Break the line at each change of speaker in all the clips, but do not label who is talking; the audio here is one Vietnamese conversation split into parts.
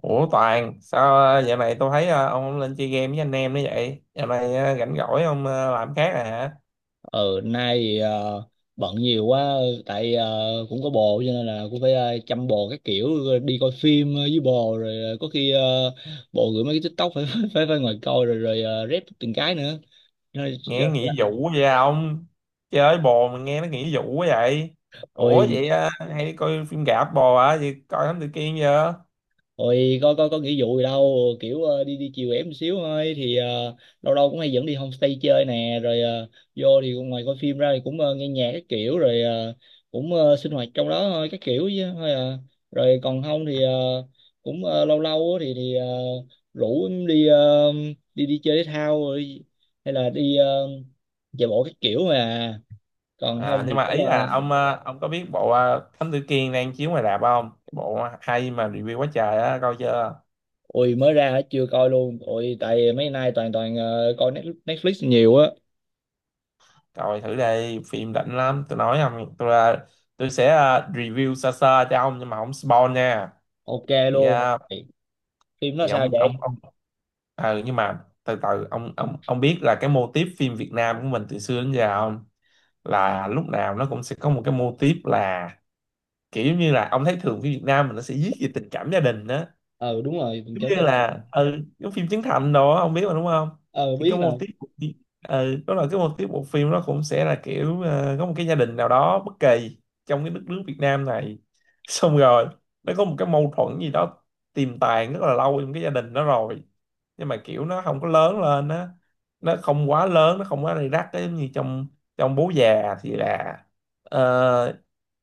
Ủa Toàn, sao này tôi thấy ông không lên chơi game với anh em nữa vậy? Dạo này rảnh rỗi ông làm khác à hả?
Ừ, nay bận nhiều quá. Tại cũng có bồ cho nên là cũng phải chăm bồ các kiểu. Đi coi phim với bồ, rồi có khi bồ gửi mấy cái TikTok phải phải phải, ngồi coi rồi rồi rep từng cái nữa nên-
Nghe nghỉ vụ vậy à ông? Chơi bồ mà nghe nó nghỉ vụ quá vậy? Ủa
ôi
vậy hay đi coi phim rạp bồ hả? Vậy coi Thám Tử Kiên chưa?
Ôi có nghĩa vụ gì đâu, kiểu đi đi chiều ẻm xíu thôi, thì lâu lâu cũng hay dẫn đi homestay chơi nè, rồi vô thì ngoài coi phim ra thì cũng nghe nhạc các kiểu, rồi cũng sinh hoạt trong đó thôi các kiểu, chứ thôi à. Rồi còn không thì cũng lâu lâu á thì rủ em đi đi đi chơi thể thao, rồi hay là đi chạy bộ các kiểu mà. Còn
À,
không thì
nhưng mà ý
cũng
là ông có biết bộ Thám Tử Kiên đang chiếu ngoài rạp không? Cái bộ hay mà review quá trời á, coi chưa?
ui mới ra chưa coi luôn. Ui, tại mấy nay toàn toàn coi Netflix Netflix nhiều á.
Coi thử đây, phim đỉnh lắm, tôi nói không, tôi sẽ review sơ sơ cho ông nhưng mà không spoil nha.
Ok
Thì,
luôn,
ờ,
phim nó
thì,
sao
ông ông
vậy?
ông nhưng mà từ từ ông biết là cái mô típ phim Việt Nam của mình từ xưa đến giờ không, là lúc nào nó cũng sẽ có một cái mô típ, là kiểu như là ông thấy thường phim Việt Nam mình nó sẽ viết về tình cảm gia đình đó,
Ờ đúng rồi, mình
giống
cảm
như
nhận.
là giống phim Trấn Thành đó ông biết mà đúng không.
Ờ
Thì
biết
cái mô
rồi.
típ của phim— đó là cái mô típ bộ phim nó cũng sẽ là kiểu có một cái gia đình nào đó bất kỳ trong cái đất nước Việt Nam này, xong rồi nó có một cái mâu thuẫn gì đó tiềm tàng rất là lâu trong cái gia đình đó rồi, nhưng mà kiểu nó không có lớn lên á, nó không quá lớn, nó không quá rầy rắc á, giống như trong trong bố già thì là ờ,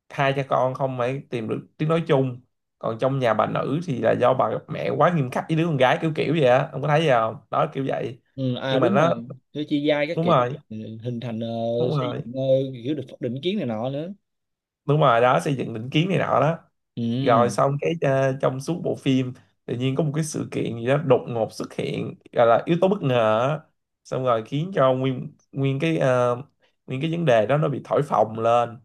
hai cha con không phải tìm được tiếng nói chung, còn trong nhà bà nữ thì là do bà mẹ quá nghiêm khắc với đứa con gái kiểu kiểu vậy á, ông có thấy gì không đó kiểu vậy.
Ừ, à
Nhưng mà
đúng rồi.
nó
Thứ chi giai các
đúng
kiểu.
rồi.
Ừ, hình thành
Đúng
xây
rồi.
dựng, kiểu định kiến này nọ nữa.
Đúng rồi đó, xây dựng định kiến này nọ đó. Rồi
Ừ.
xong cái trong suốt bộ phim tự nhiên có một cái sự kiện gì đó đột ngột xuất hiện gọi là yếu tố bất ngờ á. Xong rồi khiến cho nguyên nguyên cái ờ, nguyên cái vấn đề đó nó bị thổi phồng lên,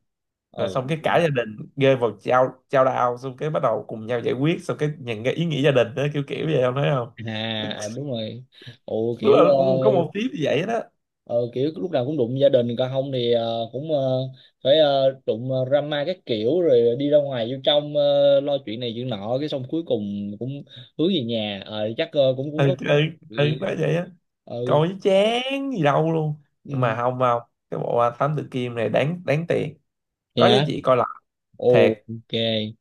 Ờ.
rồi xong cái cả gia đình rơi vào chao chao đao xong cái bắt đầu cùng nhau giải quyết, xong cái nhận cái ý nghĩa gia đình đó kiểu kiểu vậy, không thấy không?
À, à, đúng rồi. Ồ
Đúng là
kiểu
cũng có một tiếp như vậy đó.
ờ, kiểu lúc nào cũng đụng gia đình, còn không thì cũng phải đụng drama các kiểu, rồi đi ra ngoài vô trong lo chuyện này chuyện nọ, cái xong cuối cùng cũng hướng về nhà. Ờ, chắc cũng cũng
Ừ,
có.
ừ, ừ, nó vậy á.
Ừ.
Coi chứ chán gì đâu luôn. Nhưng mà
Ừ.
không không, cái bộ à, Thám Tử Kiên này đáng đáng tiền, có giá
Dạ.
trị coi lại thiệt.
Ok.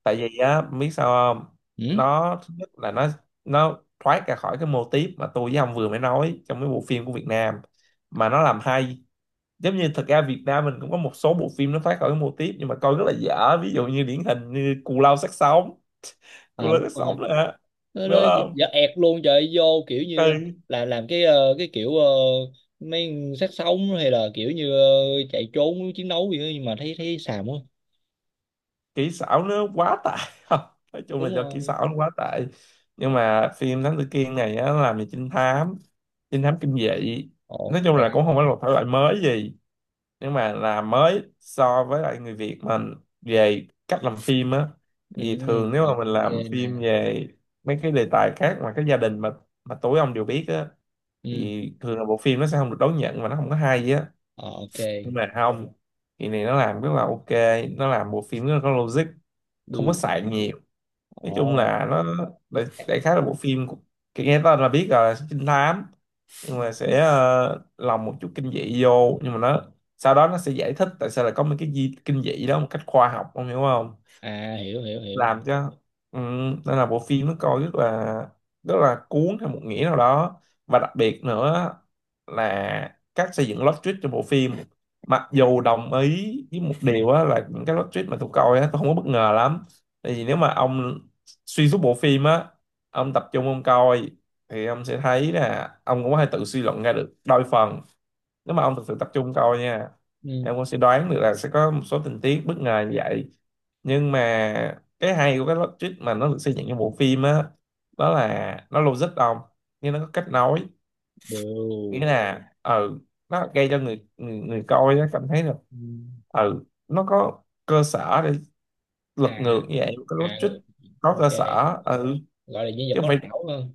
Tại vì á biết sao không,
Ừ?
nó thứ nhất là nó thoát ra khỏi cái mô típ mà tôi với ông vừa mới nói trong cái bộ phim của Việt Nam mà nó làm hay. Giống như thật ra Việt Nam mình cũng có một số bộ phim nó thoát khỏi cái mô típ nhưng mà coi rất là dở, ví dụ như điển hình như Cù Lao Xác Sống. Cù
À
Lao
đúng
Xác
rồi.
Sống là
Nó
đúng không,
Dạ ẹt luôn trời, vô kiểu như
ừ,
là làm cái cái kiểu mấy sát sống, hay là kiểu như chạy trốn chiến đấu gì đó, nhưng mà thấy thấy xàm quá.
kỹ xảo nó quá tệ. Nói chung là
Đúng
do kỹ
rồi.
xảo nó quá tệ. Nhưng mà phim Thám Tử Kiên này á, nó làm về trinh thám, trinh thám kinh dị. Nói chung là cũng không
Ok.
phải là một thể loại mới gì, nhưng mà làm mới so với lại người Việt mình về cách làm phim á.
Ừ,
Thì thường
ừ.
nếu mà mình
Ok
làm phim
nè.
về mấy cái đề tài khác mà cái gia đình, mà tối ông đều biết á,
Ừ.
thì thường là bộ phim nó sẽ không được đón nhận và nó không có hay á.
Ờ. Ok.
Nhưng mà không, thì này nó làm rất là ok, nó làm bộ phim rất là có logic, không có
Đu.
xài nhiều. Nói
Ồ.
chung là nó đại khái là bộ phim của— nghe tên là biết rồi, là trinh thám, nhưng mà sẽ lồng một chút kinh dị vô, nhưng mà nó sau đó nó sẽ giải thích tại sao lại có mấy cái di kinh dị đó một cách khoa học, ông hiểu không?
À, hiểu hiểu hiểu.
Làm cho ừ, nên là bộ phim nó coi rất là, rất là cuốn theo một nghĩa nào đó. Và đặc biệt nữa là cách xây dựng plot twist cho bộ phim. Mặc dù đồng ý với một điều á, là những cái plot twist mà tôi coi á, tôi không có bất ngờ lắm, tại vì nếu mà ông xuyên suốt bộ phim á, ông tập trung ông coi, thì ông sẽ thấy là ông cũng có thể tự suy luận ra được đôi phần, nếu mà ông thực sự tập trung coi nha.
Ừ.
Em cũng sẽ đoán được là sẽ có một số tình tiết bất ngờ như vậy. Nhưng mà cái hay của cái logic mà nó được xây dựng trong bộ phim á, đó là nó logic ông, nhưng nó có cách nói,
Đều.
nghĩa là nó gây cho người người, người coi nó cảm thấy là
Ừ.
nó có cơ sở để lật ngược
À,
như vậy cái
à.
logic, có cơ
Ok.
sở
Gọi là nhân vật
chứ không
có
phải,
não hơn.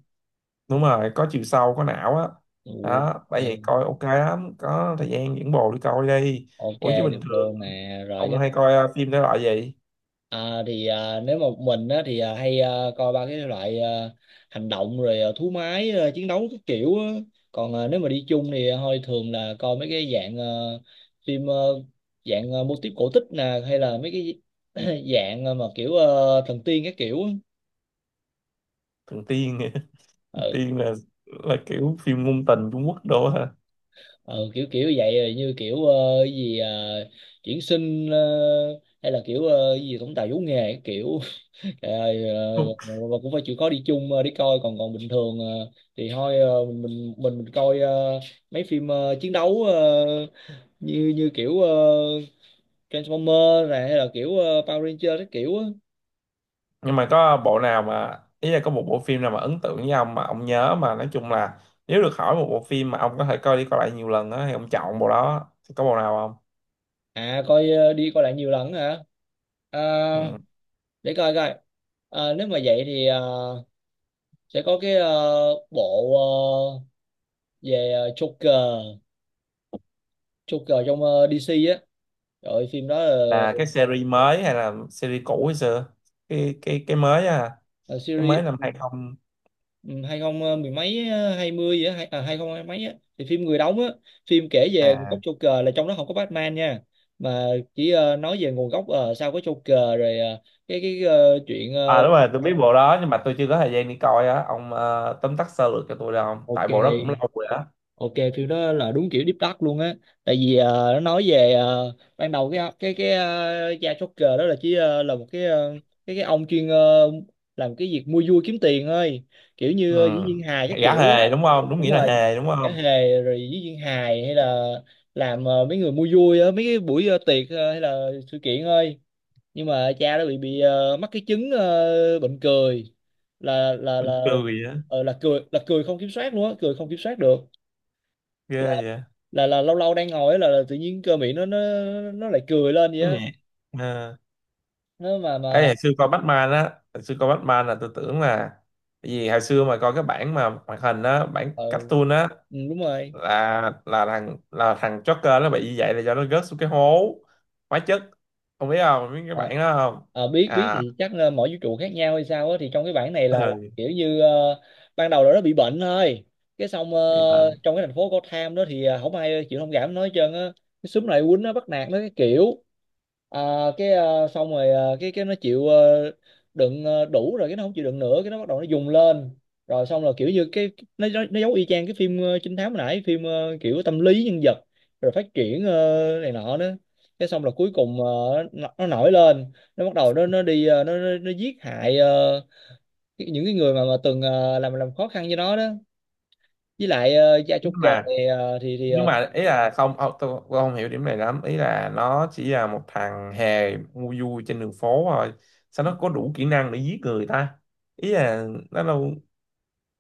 đúng rồi, có chiều sâu, có não á.
Ừ.
Đó bởi vậy
Ok.
coi ok lắm, có thời gian dẫn bồ đi coi đi.
Ok
Ủa chứ bình
được
thường
luôn nè, rồi
ông
chắc.
hay coi phim thể loại gì?
À, thì nếu mà một mình á, thì hay coi ba cái loại hành động, rồi thú máy, chiến đấu các kiểu á. Còn nếu mà đi chung thì thôi thường là coi mấy cái dạng phim, dạng mô típ cổ tích nè, hay là mấy cái dạng mà kiểu thần tiên các kiểu á.
Thần tiên hả? Thần
Ừ.
tiên là kiểu phim ngôn tình Trung Quốc đồ hả?
Ừ kiểu kiểu vậy, rồi như kiểu cái gì chuyển sinh, hay là kiểu cái gì tổng tài vũ nghề các kiểu. Trời ơi,
Không.
và cũng phải chịu khó đi chung, đi coi. Còn còn bình thường thì thôi, mình coi mấy phim chiến đấu, như như kiểu Transformer này, hay là kiểu Power Ranger các kiểu á.
Nhưng mà có bộ nào mà ý là có một bộ phim nào mà ấn tượng với ông mà ông nhớ, mà nói chung là nếu được hỏi một bộ phim mà ông có thể coi đi coi lại nhiều lần á, thì ông chọn bộ đó, thì có bộ nào
À coi, đi coi lại nhiều lần hả? À,
không? Ừ.
để coi coi. Ờ, nếu mà vậy thì sẽ có cái bộ ờ, về Joker, trong DC á. Rồi phim đó là
Là cái series mới hay là series cũ hay xưa? Cái mới á?
là
Cái mới
series.
năm 2000?
Ừ, hai không mười mấy hai mươi á, hai hai không hai mấy á, thì phim người đóng á. Phim kể về nguồn
À,
gốc Joker, là trong đó không có Batman nha, mà chỉ nói về nguồn gốc, sao có Joker rồi cái chuyện
à, đúng rồi tôi biết bộ đó nhưng mà tôi chưa có thời gian đi coi á. Ông tóm tắt sơ lược cho tôi được không, tại
ok.
bộ đó cũng lâu rồi á.
Ok Phim đó là đúng kiểu deep dark luôn á. Tại vì nó nói về ban đầu cái cha Joker đó là chỉ là một cái cái ông chuyên làm cái việc mua vui kiếm tiền thôi, kiểu như
Ừ.
diễn viên hài các
Gã
kiểu á.
hề đúng không, đúng
Đúng
nghĩa là
rồi,
hề đúng
cả
không?
hề, rồi diễn viên hài, hay là làm mấy người mua vui á, mấy cái buổi tiệc hay là sự kiện thôi. Nhưng mà cha đó bị mắc cái chứng bệnh cười, là là
Mình
là
cười vậy á?
là cười không kiểm soát luôn á, cười không kiểm soát được.
Ghê vậy.
Là lâu lâu đang ngồi ấy, là tự nhiên cơ miệng nó nó lại cười lên vậy
Cái
á.
nhẹ. À.
Nó mà
Ấy hồi xưa coi Batman á, hồi xưa coi Batman là tôi tưởng là, tại vì hồi xưa mà coi cái bản mà hoạt hình á, bản
ờ
cartoon á,
ừ, đúng rồi.
là thằng Joker nó bị như vậy là do nó rớt xuống cái hố hóa chất, không biết cái
Ờ,
bản đó không.
ờ, biết biết
À.
thì chắc là mỗi vũ trụ khác nhau hay sao á, thì trong cái bản này là
Ừ.
kiểu như ban đầu là nó bị bệnh thôi, cái xong
Bị bệnh.
trong cái thành phố Gotham đó thì không ai chịu thông cảm nói hết trơn á, cái xúm này quýnh nó, bắt nạt nó cái kiểu. À, cái xong rồi cái nó chịu đựng đủ rồi, cái nó không chịu đựng nữa, cái nó bắt đầu nó dùng lên, rồi xong rồi kiểu như cái nó giống y chang cái phim trinh thám hồi nãy, phim kiểu tâm lý nhân vật rồi phát triển này nọ đó. Thế xong là cuối cùng nó nổi lên, nó bắt đầu nó đi nó giết hại những cái người mà từng làm khó khăn cho nó đó, với lại gia
Nhưng
chốt cờ
mà
thì thì
nhưng mà ý là không tôi không hiểu điểm này lắm, ý là nó chỉ là một thằng hề ngu vui trên đường phố thôi, sao nó có đủ kỹ năng để giết người ta? Ý là nó đâu,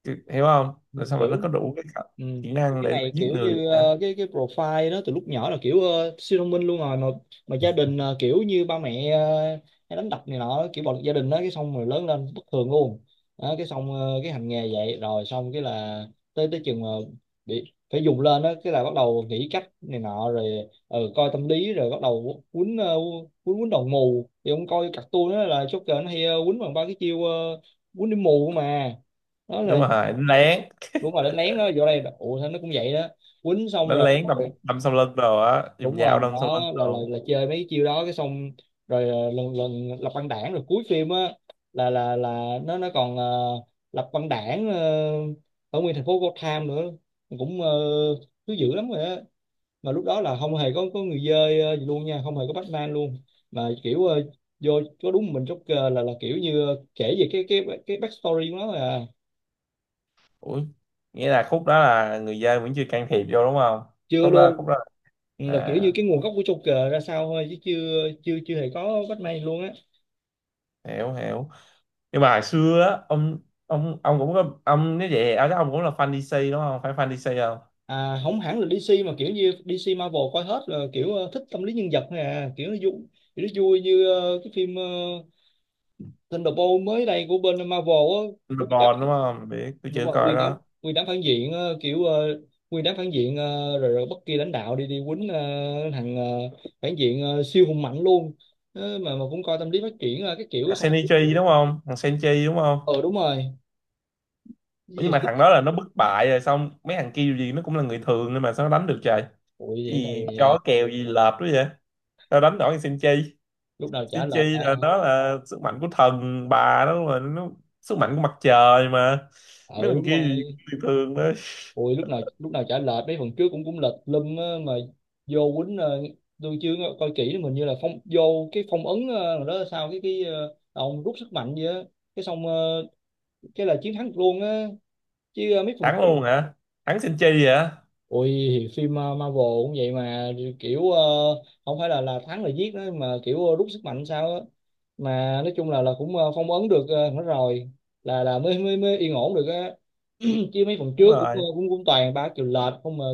hiểu không, rồi sao mà nó
hiểu.
có đủ cái khả—
Ừ.
kỹ
Thì
năng
cái
để nó
này
giết
kiểu
người
như
hả?
cái profile đó từ lúc nhỏ là kiểu siêu thông minh luôn rồi mà gia đình kiểu như ba mẹ hay đánh đập này nọ, kiểu bạo lực gia đình đó, cái xong rồi lớn lên bất thường luôn. Đó, cái xong cái hành nghề vậy, rồi xong cái là tới tới chừng mà bị phải dùng lên đó, cái là bắt đầu nghĩ cách này nọ rồi. Ừ, coi tâm lý rồi bắt đầu quýnh, quýnh đồng mù. Thì ông coi cartoon đó là Joker nó hay quýnh bằng ba cái chiêu quýnh đi mù mà, đó là
Đúng rồi đánh lén,
đúng rồi đánh lén nó vô đây. Ủa sao nó cũng vậy đó, quýnh xong
đánh
rồi
lén đâm đâm sau lưng rồi á, dùng
đúng rồi,
dao đâm sau lưng
đó là là,
rồi.
là chơi mấy cái chiêu đó, cái xong rồi lần lần lập băng đảng, rồi cuối phim á là nó còn lập băng đảng ở nguyên thành phố Gotham nữa, cũng thứ dữ lắm rồi á. Mà lúc đó là không hề có người dơi gì luôn nha, không hề có Batman luôn, mà kiểu vô có đúng mình Joker, là kiểu như kể về cái backstory của nó là
Ủi, nghĩa là khúc đó là người dân vẫn chưa can thiệp vô đúng không?
chưa
Khúc đó,
luôn.
khúc đó.
Ừ, là kiểu
À,
như cái nguồn gốc của Joker ra sao thôi, chứ chưa chưa chưa hề có Batman luôn á.
hiểu hiểu. Nhưng mà hồi xưa á, ông ông cũng có ông, nếu vậy ở chắc ông cũng là fan DC đúng không, phải fan DC không?
À không hẳn là DC, mà kiểu như DC, Marvel coi hết, là kiểu thích tâm lý nhân vật thôi à, kiểu nó vui. Kiểu nó vui như cái phim Thunderbolt mới đây của bên Marvel á. Nguyên đám.
LeBron đúng không, biết tôi
Đúng
chưa
rồi
coi
nguyên đám,
đó.
nguyên đám phản diện kiểu nguyên đám phản diện, rồi rồi bất kỳ lãnh đạo đi đi quýnh thằng phản diện siêu hùng mạnh luôn. Ờ, mà cũng coi tâm lý phát triển cái kiểu
Thằng
xong.
Shinichi đúng không, thằng Senchi đúng không?
Ờ đúng rồi. Cái
Ủa, nhưng mà thằng
gì-
đó là nó bất bại rồi, xong mấy thằng kia dù gì nó cũng là người thường nhưng mà sao nó đánh được trời?
Ủa
Cái
vậy này
gì chó kèo gì lợp đó vậy, sao đánh nổi thằng Senchi?
lúc nào chả lệch
Senchi
à.
là nó là sức mạnh của thần bà đó mà, nó sức mạnh của mặt trời mà. Mấy
Ừ
thằng
đúng
kia gì cũng
rồi.
người thường đó.
Ui, lúc nào chả lệch, mấy phần trước cũng cũng lệch lum á mà. Vô quýnh tôi chưa có- coi kỹ mình như là phong vô cái phong ấn rồi đó, sao cái ông rút sức mạnh vậy á. Cái xong cái là chiến thắng luôn á, chứ mấy phần
Thắng
trước.
luôn hả? Thắng Senchi hả?
Ui thì phim Marvel cũng vậy mà, kiểu không phải là thắng là giết đó, mà kiểu rút sức mạnh sao á, mà nói chung là cũng phong ấn được hết rồi, là mới mới mới yên ổn được á chứ mấy phần
Đúng
trước cũng
rồi
cũng cũng toàn ba triệu lệch không mà,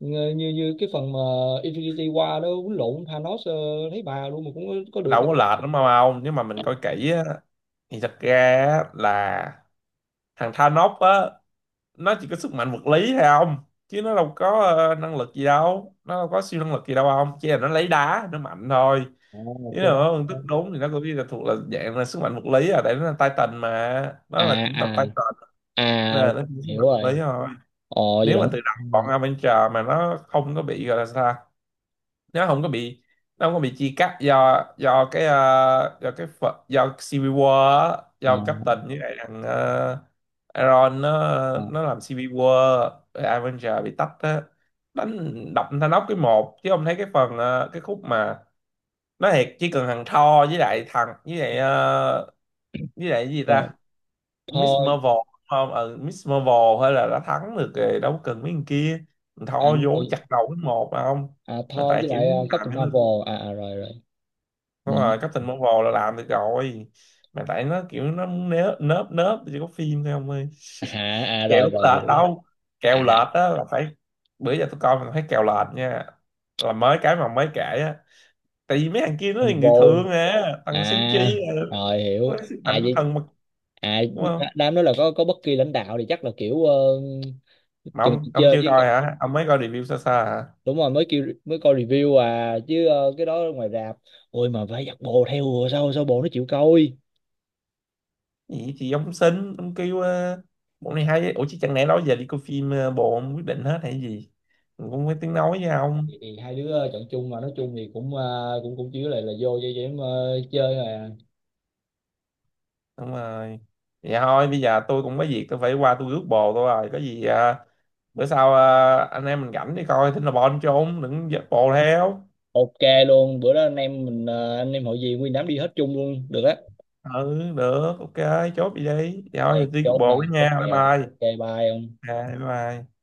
như như như cái phần mà Infinity War đó quýnh lộn Thanos, thấy bà luôn mà cũng có được
đâu
đâu.
có lệch lắm mà không, nếu mà mình coi kỹ á, thì thật ra á, là thằng Thanos á, nó chỉ có sức mạnh vật lý thôi không, chứ nó đâu có năng lực gì đâu, nó đâu có siêu năng lực gì đâu, không chỉ là nó lấy đá nó mạnh thôi.
À,
Chứ là
chờ đó.
nó phân tích đúng thì nó cũng chỉ là thuộc là dạng là sức mạnh vật lý à, tại nó là Titan mà, nó là
À,
chủng tộc
à,
Titan, nên
à,
là nó chỉ có sức
hiểu
mạnh vật
rồi.
lý thôi.
Ồ vậy
Nếu
là
mà
không.
từ đầu bọn Avenger mà nó không có bị gọi là sao ta? nó không có bị nó không có bị chia cắt, do do cái ờ, do cái ph- do Civil War á,
À,
do Captain với lại thằng Iron, nó
à,
nó làm Civil War rồi Avenger bị tách á, đánh đập Thanos cái một chứ không thấy cái phần cái khúc mà, nói thiệt chỉ cần thằng Thor với lại thằng với lại ờ, với lại cái gì
rồi
ta, Miss
thôi.
Marvel, không Miss Marvel hay là đã thắng được rồi, đâu cần mấy thằng kia, thằng
À
Thor
đúng
vô
rồi.
chặt đầu cái một mà không.
À
Mà
thôi,
tại
với
kiểu
lại
làm.
Captain Marvel, à, à rồi rồi. Ừ.
Đúng rồi, Captain Marvel là làm được rồi. Mà tại nó kiểu nó muốn nớ— nớp nớp chỉ có phim thôi ông ơi.
À, à
Kèo
rồi
đâu
rồi,
có lệch
hiểu.
đâu. Kèo
À,
lệch á là phải, bữa giờ tôi coi mình thấy kèo lệch nha. Là mới cái mà mới kể á. Tại vì mấy thằng kia nó là người
Marvel.
thường à, thằng
À
Senchi à,
rồi
nó
hiểu.
là sức
À
mạnh của
vậy.
thần mà,
À
đúng không?
đám đó là có bất kỳ lãnh đạo thì chắc là kiểu
Mà
từng
ông
chơi
chưa
với
coi
các-
hả? Ông mới coi review sơ sơ hả?
Đúng rồi, mới kêu mới coi review à, chứ cái đó ngoài rạp. Ôi, mà phải giặt bồ theo rồi, sao sao bồ nó chịu coi.
Gì thì ông xin, ông kêu bộ này hay. Ủa chứ chẳng lẽ đó giờ đi coi phim bộ ông quyết định hết hay gì? Mình cũng không có tiếng
Dạ,
nói với ông.
thì hai đứa chọn chung, mà nói chung thì cũng cũng cũng chứ là vô cho em chơi mà.
Đúng rồi, vậy thôi bây giờ tôi cũng có việc, tôi phải qua tôi rước bồ tôi rồi, có gì à, bữa sau à, anh em mình rảnh đi coi, thỉnh là bon trốn đừng dắt bồ theo.
Ok luôn, bữa đó anh em mình anh em hội gì, nguyên đám đi hết chung luôn được á.
Ừ, được, ok. Chốt vậy đi, vậy
Ok
thôi giờ tôi rước
chốt nè,
bồ với
chốt
nha, bye
kèo.
bye.
Ok bye ông.
À, bye bye.